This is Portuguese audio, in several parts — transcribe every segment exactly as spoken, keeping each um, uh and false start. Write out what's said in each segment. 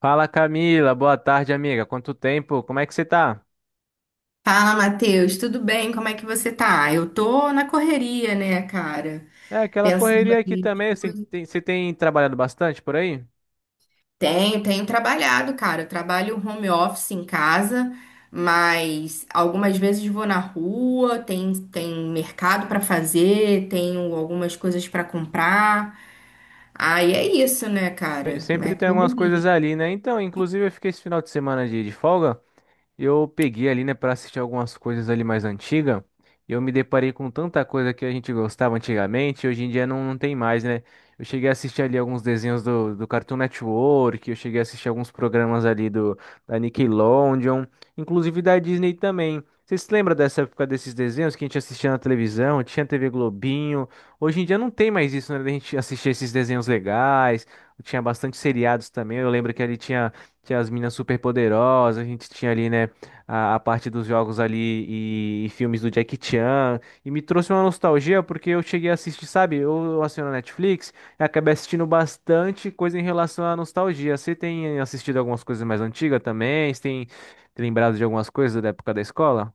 Fala Camila, boa tarde, amiga. Quanto tempo? Como é que você tá? Fala, Matheus, tudo bem? Como é que você tá? Eu tô na correria, né, cara? É, aquela Pensando correria aqui aqui. também. Você tem, você tem trabalhado bastante por aí? Tenho, tenho trabalhado, cara. Eu trabalho home office em casa, mas algumas vezes vou na rua, tem, tem mercado pra fazer, tenho algumas coisas pra comprar. Aí é isso, né, Tem- cara? É Sempre tem algumas correria. coisas ali, né? Então, inclusive eu fiquei esse final de semana de, de folga. Eu peguei ali, né, para assistir algumas coisas ali mais antigas. E eu me deparei com tanta coisa que a gente gostava antigamente, e hoje em dia não, não tem mais, né? Eu cheguei a assistir ali alguns desenhos do, do Cartoon Network, eu cheguei a assistir alguns programas ali do da Nickelodeon, inclusive da Disney também. Vocês se lembram dessa época desses desenhos que a gente assistia na televisão, tinha T V Globinho? Hoje em dia não tem mais isso, né? A gente assistia esses desenhos legais, tinha bastante seriados também. Eu lembro que ali tinha, tinha as meninas superpoderosas, a gente tinha ali, né? a, a parte dos jogos ali e, e filmes do Jackie Chan. E me trouxe uma nostalgia porque eu cheguei a assistir, sabe? Eu, eu assino a Netflix e acabei assistindo bastante coisa em relação à nostalgia. Você tem assistido algumas coisas mais antigas também? Você tem, tem lembrado de algumas coisas da época da escola?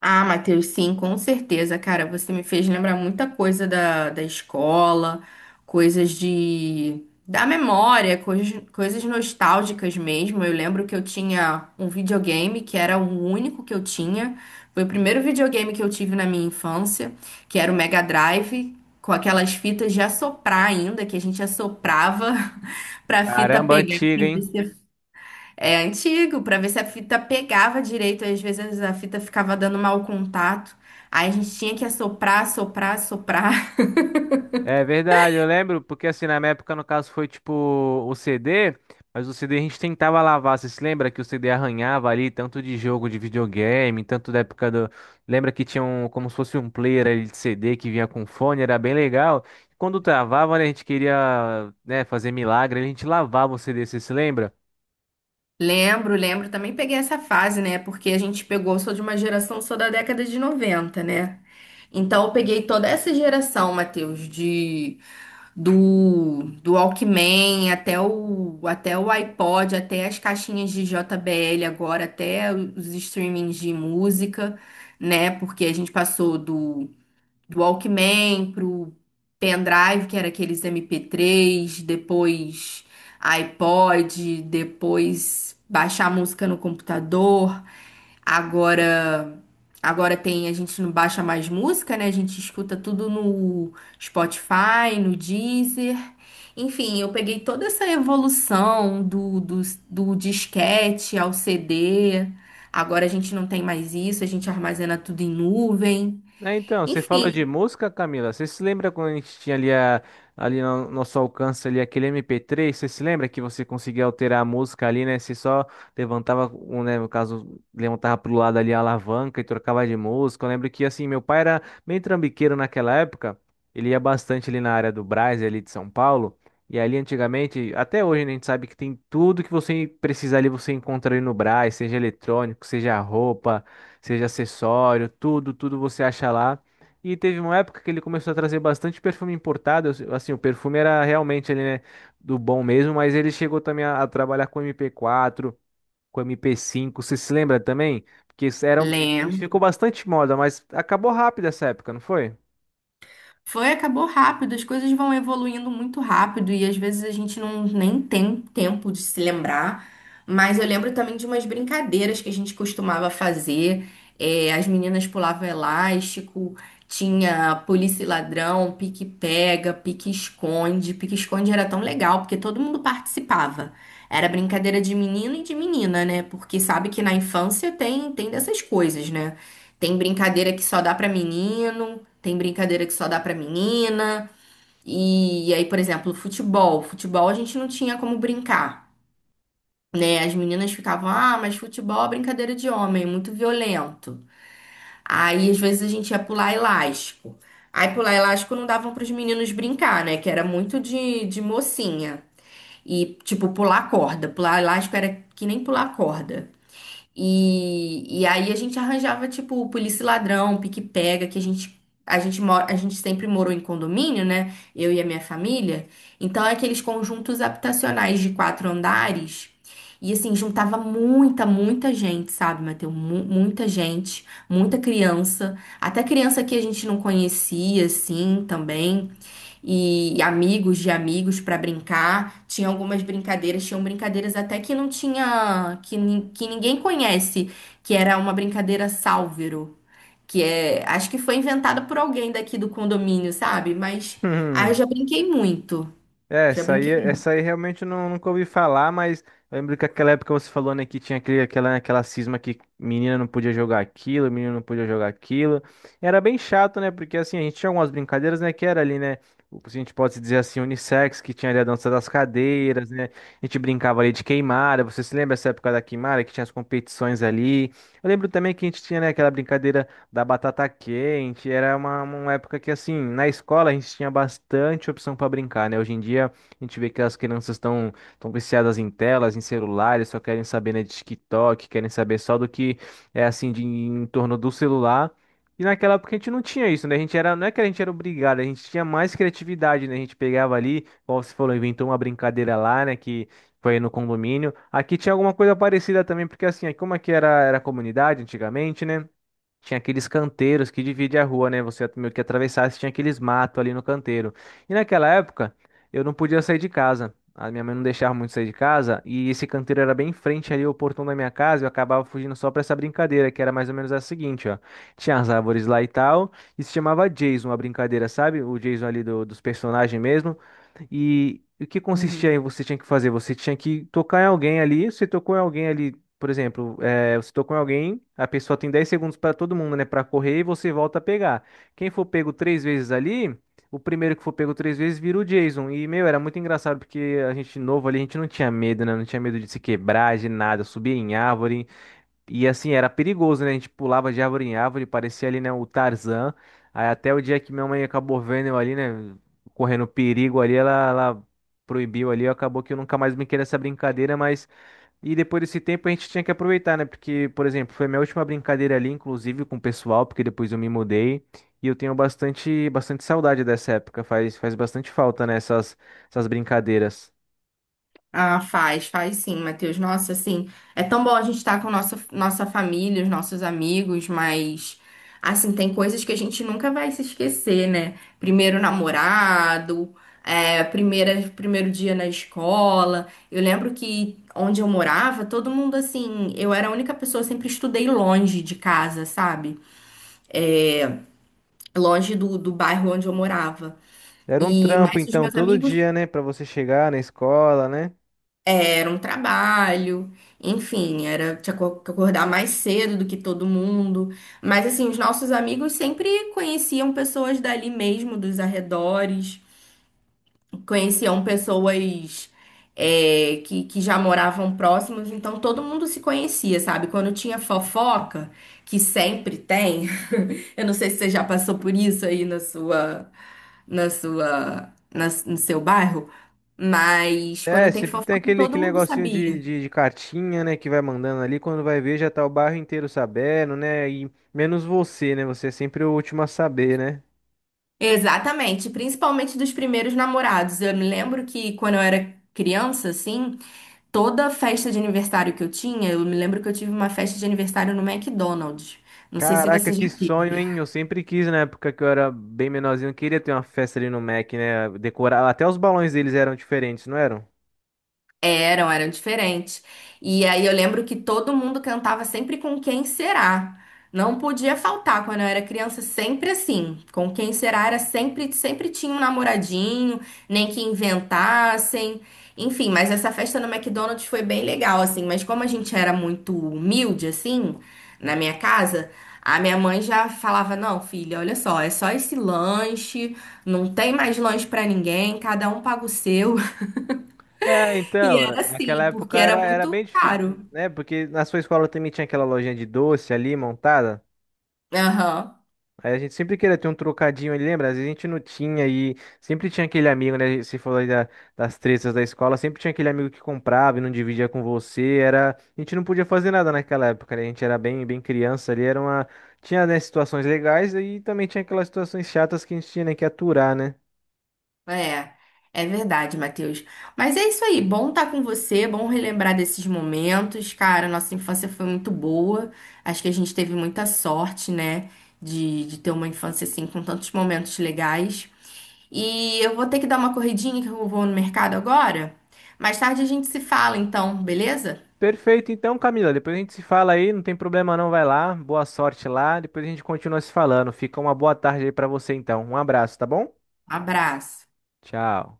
Ah, Matheus, sim, com certeza, cara. Você me fez lembrar muita coisa da, da escola, coisas de da memória, coisas, coisas nostálgicas mesmo. Eu lembro que eu tinha um videogame que era o único que eu tinha. Foi o primeiro videogame que eu tive na minha infância, que era o Mega Drive, com aquelas fitas de assoprar ainda, que a gente assoprava pra fita Caramba, pegar antiga, pra ver hein? se é antigo, pra ver se a fita pegava direito. Às vezes a fita ficava dando mau contato. Aí a gente tinha que assoprar, assoprar, assoprar. É verdade, eu lembro, porque assim, na minha época, no caso, foi tipo o C D, mas o C D a gente tentava lavar. Você se lembra que o C D arranhava ali, tanto de jogo de videogame, tanto da época do. Lembra que tinha um, como se fosse um player ali de C D que vinha com fone, era bem legal. Quando travava, né, a gente queria, né, fazer milagre, a gente lavava o C D, você se lembra? Lembro, lembro. Também peguei essa fase, né? Porque a gente pegou, sou de uma geração, sou da década de noventa, né? Então eu peguei toda essa geração, Matheus, de do, do Walkman até o até o iPod, até as caixinhas de J B L agora, até os streamings de música, né? Porque a gente passou do do Walkman pro pendrive, que era aqueles M P três, depois iPod, depois baixar a música no computador. Agora, agora tem, a gente não baixa mais música, né? A gente escuta tudo no Spotify, no Deezer. Enfim, eu peguei toda essa evolução do, do, do disquete ao C D. Agora a gente não tem mais isso, a gente armazena tudo em nuvem. É, então, você falou de Enfim, música, Camila. Você se lembra quando a gente tinha ali, a, ali no nosso alcance ali aquele M P três? Você se lembra que você conseguia alterar a música ali, né? Você só levantava, um, né, no caso, levantava pro lado ali a alavanca e trocava de música. Eu lembro que, assim, meu pai era meio trambiqueiro naquela época. Ele ia bastante ali na área do Brás, ali de São Paulo. E ali antigamente, até hoje, né, a gente sabe que tem tudo que você precisar ali, você encontra ali no Brás, seja eletrônico, seja roupa, seja acessório, tudo, tudo você acha lá. E teve uma época que ele começou a trazer bastante perfume importado. eu- Assim, o perfume era realmente ali, né, do bom mesmo, mas ele chegou também a, a trabalhar com M P quatro, com M P cinco. Você se lembra também? Porque isso era, um- Ficou lembro. bastante moda, mas acabou rápido essa época, não foi? Foi, acabou rápido, as coisas vão evoluindo muito rápido e às vezes a gente não nem tem tempo de se lembrar. Mas eu lembro também de umas brincadeiras que a gente costumava fazer. É, as meninas pulavam elástico, tinha polícia e ladrão, pique-pega, pique-esconde. Pique-esconde era tão legal porque todo mundo participava. Era brincadeira de menino e de menina, né? Porque sabe que na infância tem, tem dessas coisas, né? Tem brincadeira que só dá pra menino. Tem brincadeira que só dá pra menina. E, aí, por exemplo, futebol. Futebol a gente não tinha como brincar, né? As meninas ficavam, ah, mas futebol é brincadeira de homem, muito violento. Aí, às vezes, a gente ia pular elástico. Aí, pular elástico não davam pros meninos brincar, né? Que era muito de, de mocinha. E, tipo, pular corda. Pular elástico era que nem pular corda. E, e aí a gente arranjava, tipo, polícia e ladrão, pique-pega, que a gente, a gente mora, a gente sempre morou em condomínio, né? Eu e a minha família. Então, é aqueles conjuntos habitacionais de quatro andares. E assim, juntava muita, muita gente, sabe, Matheus? Mu- muita gente, muita criança. Até criança que a gente não conhecia, assim, também e amigos de amigos para brincar. Tinha algumas brincadeiras, tinham brincadeiras até que não tinha, que, nin- que ninguém conhece, que era uma brincadeira sálvero, que é, acho que foi inventada por alguém daqui do condomínio, sabe? Mas ah eu já brinquei muito, É, já essa aí, brinquei essa muito. aí realmente eu não, nunca ouvi falar, mas eu lembro que aquela época você falou, né, que tinha aquele, aquela, né, aquela cisma que menina não podia jogar aquilo, menino não podia jogar aquilo. Era bem chato, né, porque assim, a gente tinha algumas brincadeiras, né, que era ali, né, o que a gente pode dizer assim, unissex, que tinha ali a dança das cadeiras, né, a gente brincava ali de queimada, você se lembra essa época da queimada, que tinha as competições ali. Eu lembro também que a gente tinha, né, aquela brincadeira da batata quente. Era uma, uma época que, assim, na escola a gente tinha bastante opção para brincar, né? Hoje em dia a gente vê que as crianças estão estão viciadas em telas, em celulares, só querem saber, né, de TikTok, querem saber só do que é, assim, de, em torno do celular. E naquela época a gente não tinha isso, né? A gente era, não é que a gente era obrigado, a gente tinha mais criatividade, né? A gente pegava ali, como você falou, inventou uma brincadeira lá, né? Que foi no condomínio. Aqui tinha alguma coisa parecida também, porque assim, aqui como aqui era, era comunidade antigamente, né? Tinha aqueles canteiros que divide a rua, né? Você meio que atravessasse, tinha aqueles matos ali no canteiro. E naquela época, eu não podia sair de casa. A minha mãe não deixava muito sair de casa. E esse canteiro era bem em frente ali ao portão da minha casa. E eu acabava fugindo só pra essa brincadeira, que era mais ou menos a seguinte, ó. Tinha as árvores lá e tal. E se chamava Jason, a brincadeira, sabe? O Jason ali do- dos personagens mesmo. E o que consistia Uhum. em você tinha que fazer? Você tinha que tocar em alguém ali, você tocou em alguém ali, por exemplo, eh, você tocou em alguém, a pessoa tem dez segundos para todo mundo, né, para correr e você volta a pegar. Quem for pego três vezes ali, o primeiro que for pego três vezes vira o Jason. E, meu, era muito engraçado porque a gente novo ali, a gente não tinha medo, né? Não tinha medo de se quebrar, de nada, subir em árvore. E assim, era perigoso, né? A gente pulava de árvore em árvore, parecia ali, né, o Tarzan. Aí até o dia que minha mãe acabou vendo eu ali, né, correndo perigo ali, ela, ela proibiu ali, acabou que eu nunca mais brinquei nessa brincadeira, mas... E depois desse tempo a gente tinha que aproveitar, né? Porque, por exemplo, foi minha última brincadeira ali, inclusive com o pessoal, porque depois eu me mudei. E eu tenho bastante, bastante saudade dessa época, faz, faz bastante falta, né, essas, essas brincadeiras. Ah, faz, faz sim, Matheus. Nossa, assim, é tão bom a gente estar com nossa, nossa família, os nossos amigos, mas, assim, tem coisas que a gente nunca vai se esquecer, né? Primeiro namorado, é, primeira, primeiro dia na escola. Eu lembro que onde eu morava, todo mundo, assim, eu era a única pessoa, sempre estudei longe de casa, sabe? Longe do, do bairro onde eu morava. Era um E, trampo, mais os então, meus todo amigos dia, né, pra você chegar na escola, né? era um trabalho, enfim, era tinha co- que acordar mais cedo do que todo mundo. Mas assim, os nossos amigos sempre conheciam pessoas dali mesmo, dos arredores, conheciam pessoas é, que, que já moravam próximos, então todo mundo se conhecia, sabe? Quando tinha fofoca, que sempre tem, eu não sei se você já passou por isso aí na sua, na sua, na- no seu bairro, mas É, quando tem sempre tem fofoca, aquele, todo aquele mundo negocinho de, sabia. de, de cartinha, né, que vai mandando ali, quando vai ver já tá o bairro inteiro sabendo, né, e menos você, né, você é sempre o último a saber, né. Exatamente, principalmente dos primeiros namorados. Eu me lembro que quando eu era criança, assim, toda festa de aniversário que eu tinha, eu me lembro que eu tive uma festa de aniversário no McDonald's. Não sei se Caraca, você que já sonho, teve. hein, eu sempre quis, na época que eu era bem menorzinho, eu queria ter uma festa ali no Mac, né, decorar, até os balões deles eram diferentes, não eram? Eram, eram diferentes. E aí eu lembro que todo mundo cantava sempre com quem será. Não podia faltar quando eu era criança, sempre assim. Com quem será era sempre, sempre tinha um namoradinho, nem que inventassem. Enfim, mas essa festa no McDonald's foi bem legal, assim. Mas como a gente era muito humilde, assim, na minha casa, a minha mãe já falava: não, filha, olha só, é só esse lanche, não tem mais lanche pra ninguém, cada um paga o seu. É, E então, era naquela assim, época porque era era, era muito bem caro. difícil, né, porque na sua escola também tinha aquela lojinha de doce ali montada. Aham, Aí a gente sempre queria ter um trocadinho ali, lembra? Às vezes a gente não tinha e sempre tinha aquele amigo, né? Você falou aí da- das tretas da escola, sempre tinha aquele amigo que comprava e não dividia com você. Era, a gente não podia fazer nada naquela época, né? A gente era bem, bem criança ali, era uma, tinha, né, situações legais e também tinha aquelas situações chatas que a gente tinha, né, que aturar, né? é. É verdade, Matheus. Mas é isso aí, bom estar com você, bom relembrar desses momentos. Cara, nossa infância foi muito boa. Acho que a gente teve muita sorte, né, de, de ter uma infância assim, com tantos momentos legais. E eu vou ter que dar uma corridinha, que eu vou no mercado agora. Mais tarde a gente se fala, então, beleza? Perfeito, então, Camila, depois a gente se fala aí, não tem problema não, vai lá, boa sorte lá, depois a gente continua se falando. Fica uma boa tarde aí pra você então. Um abraço, tá bom? Abraço. Tchau.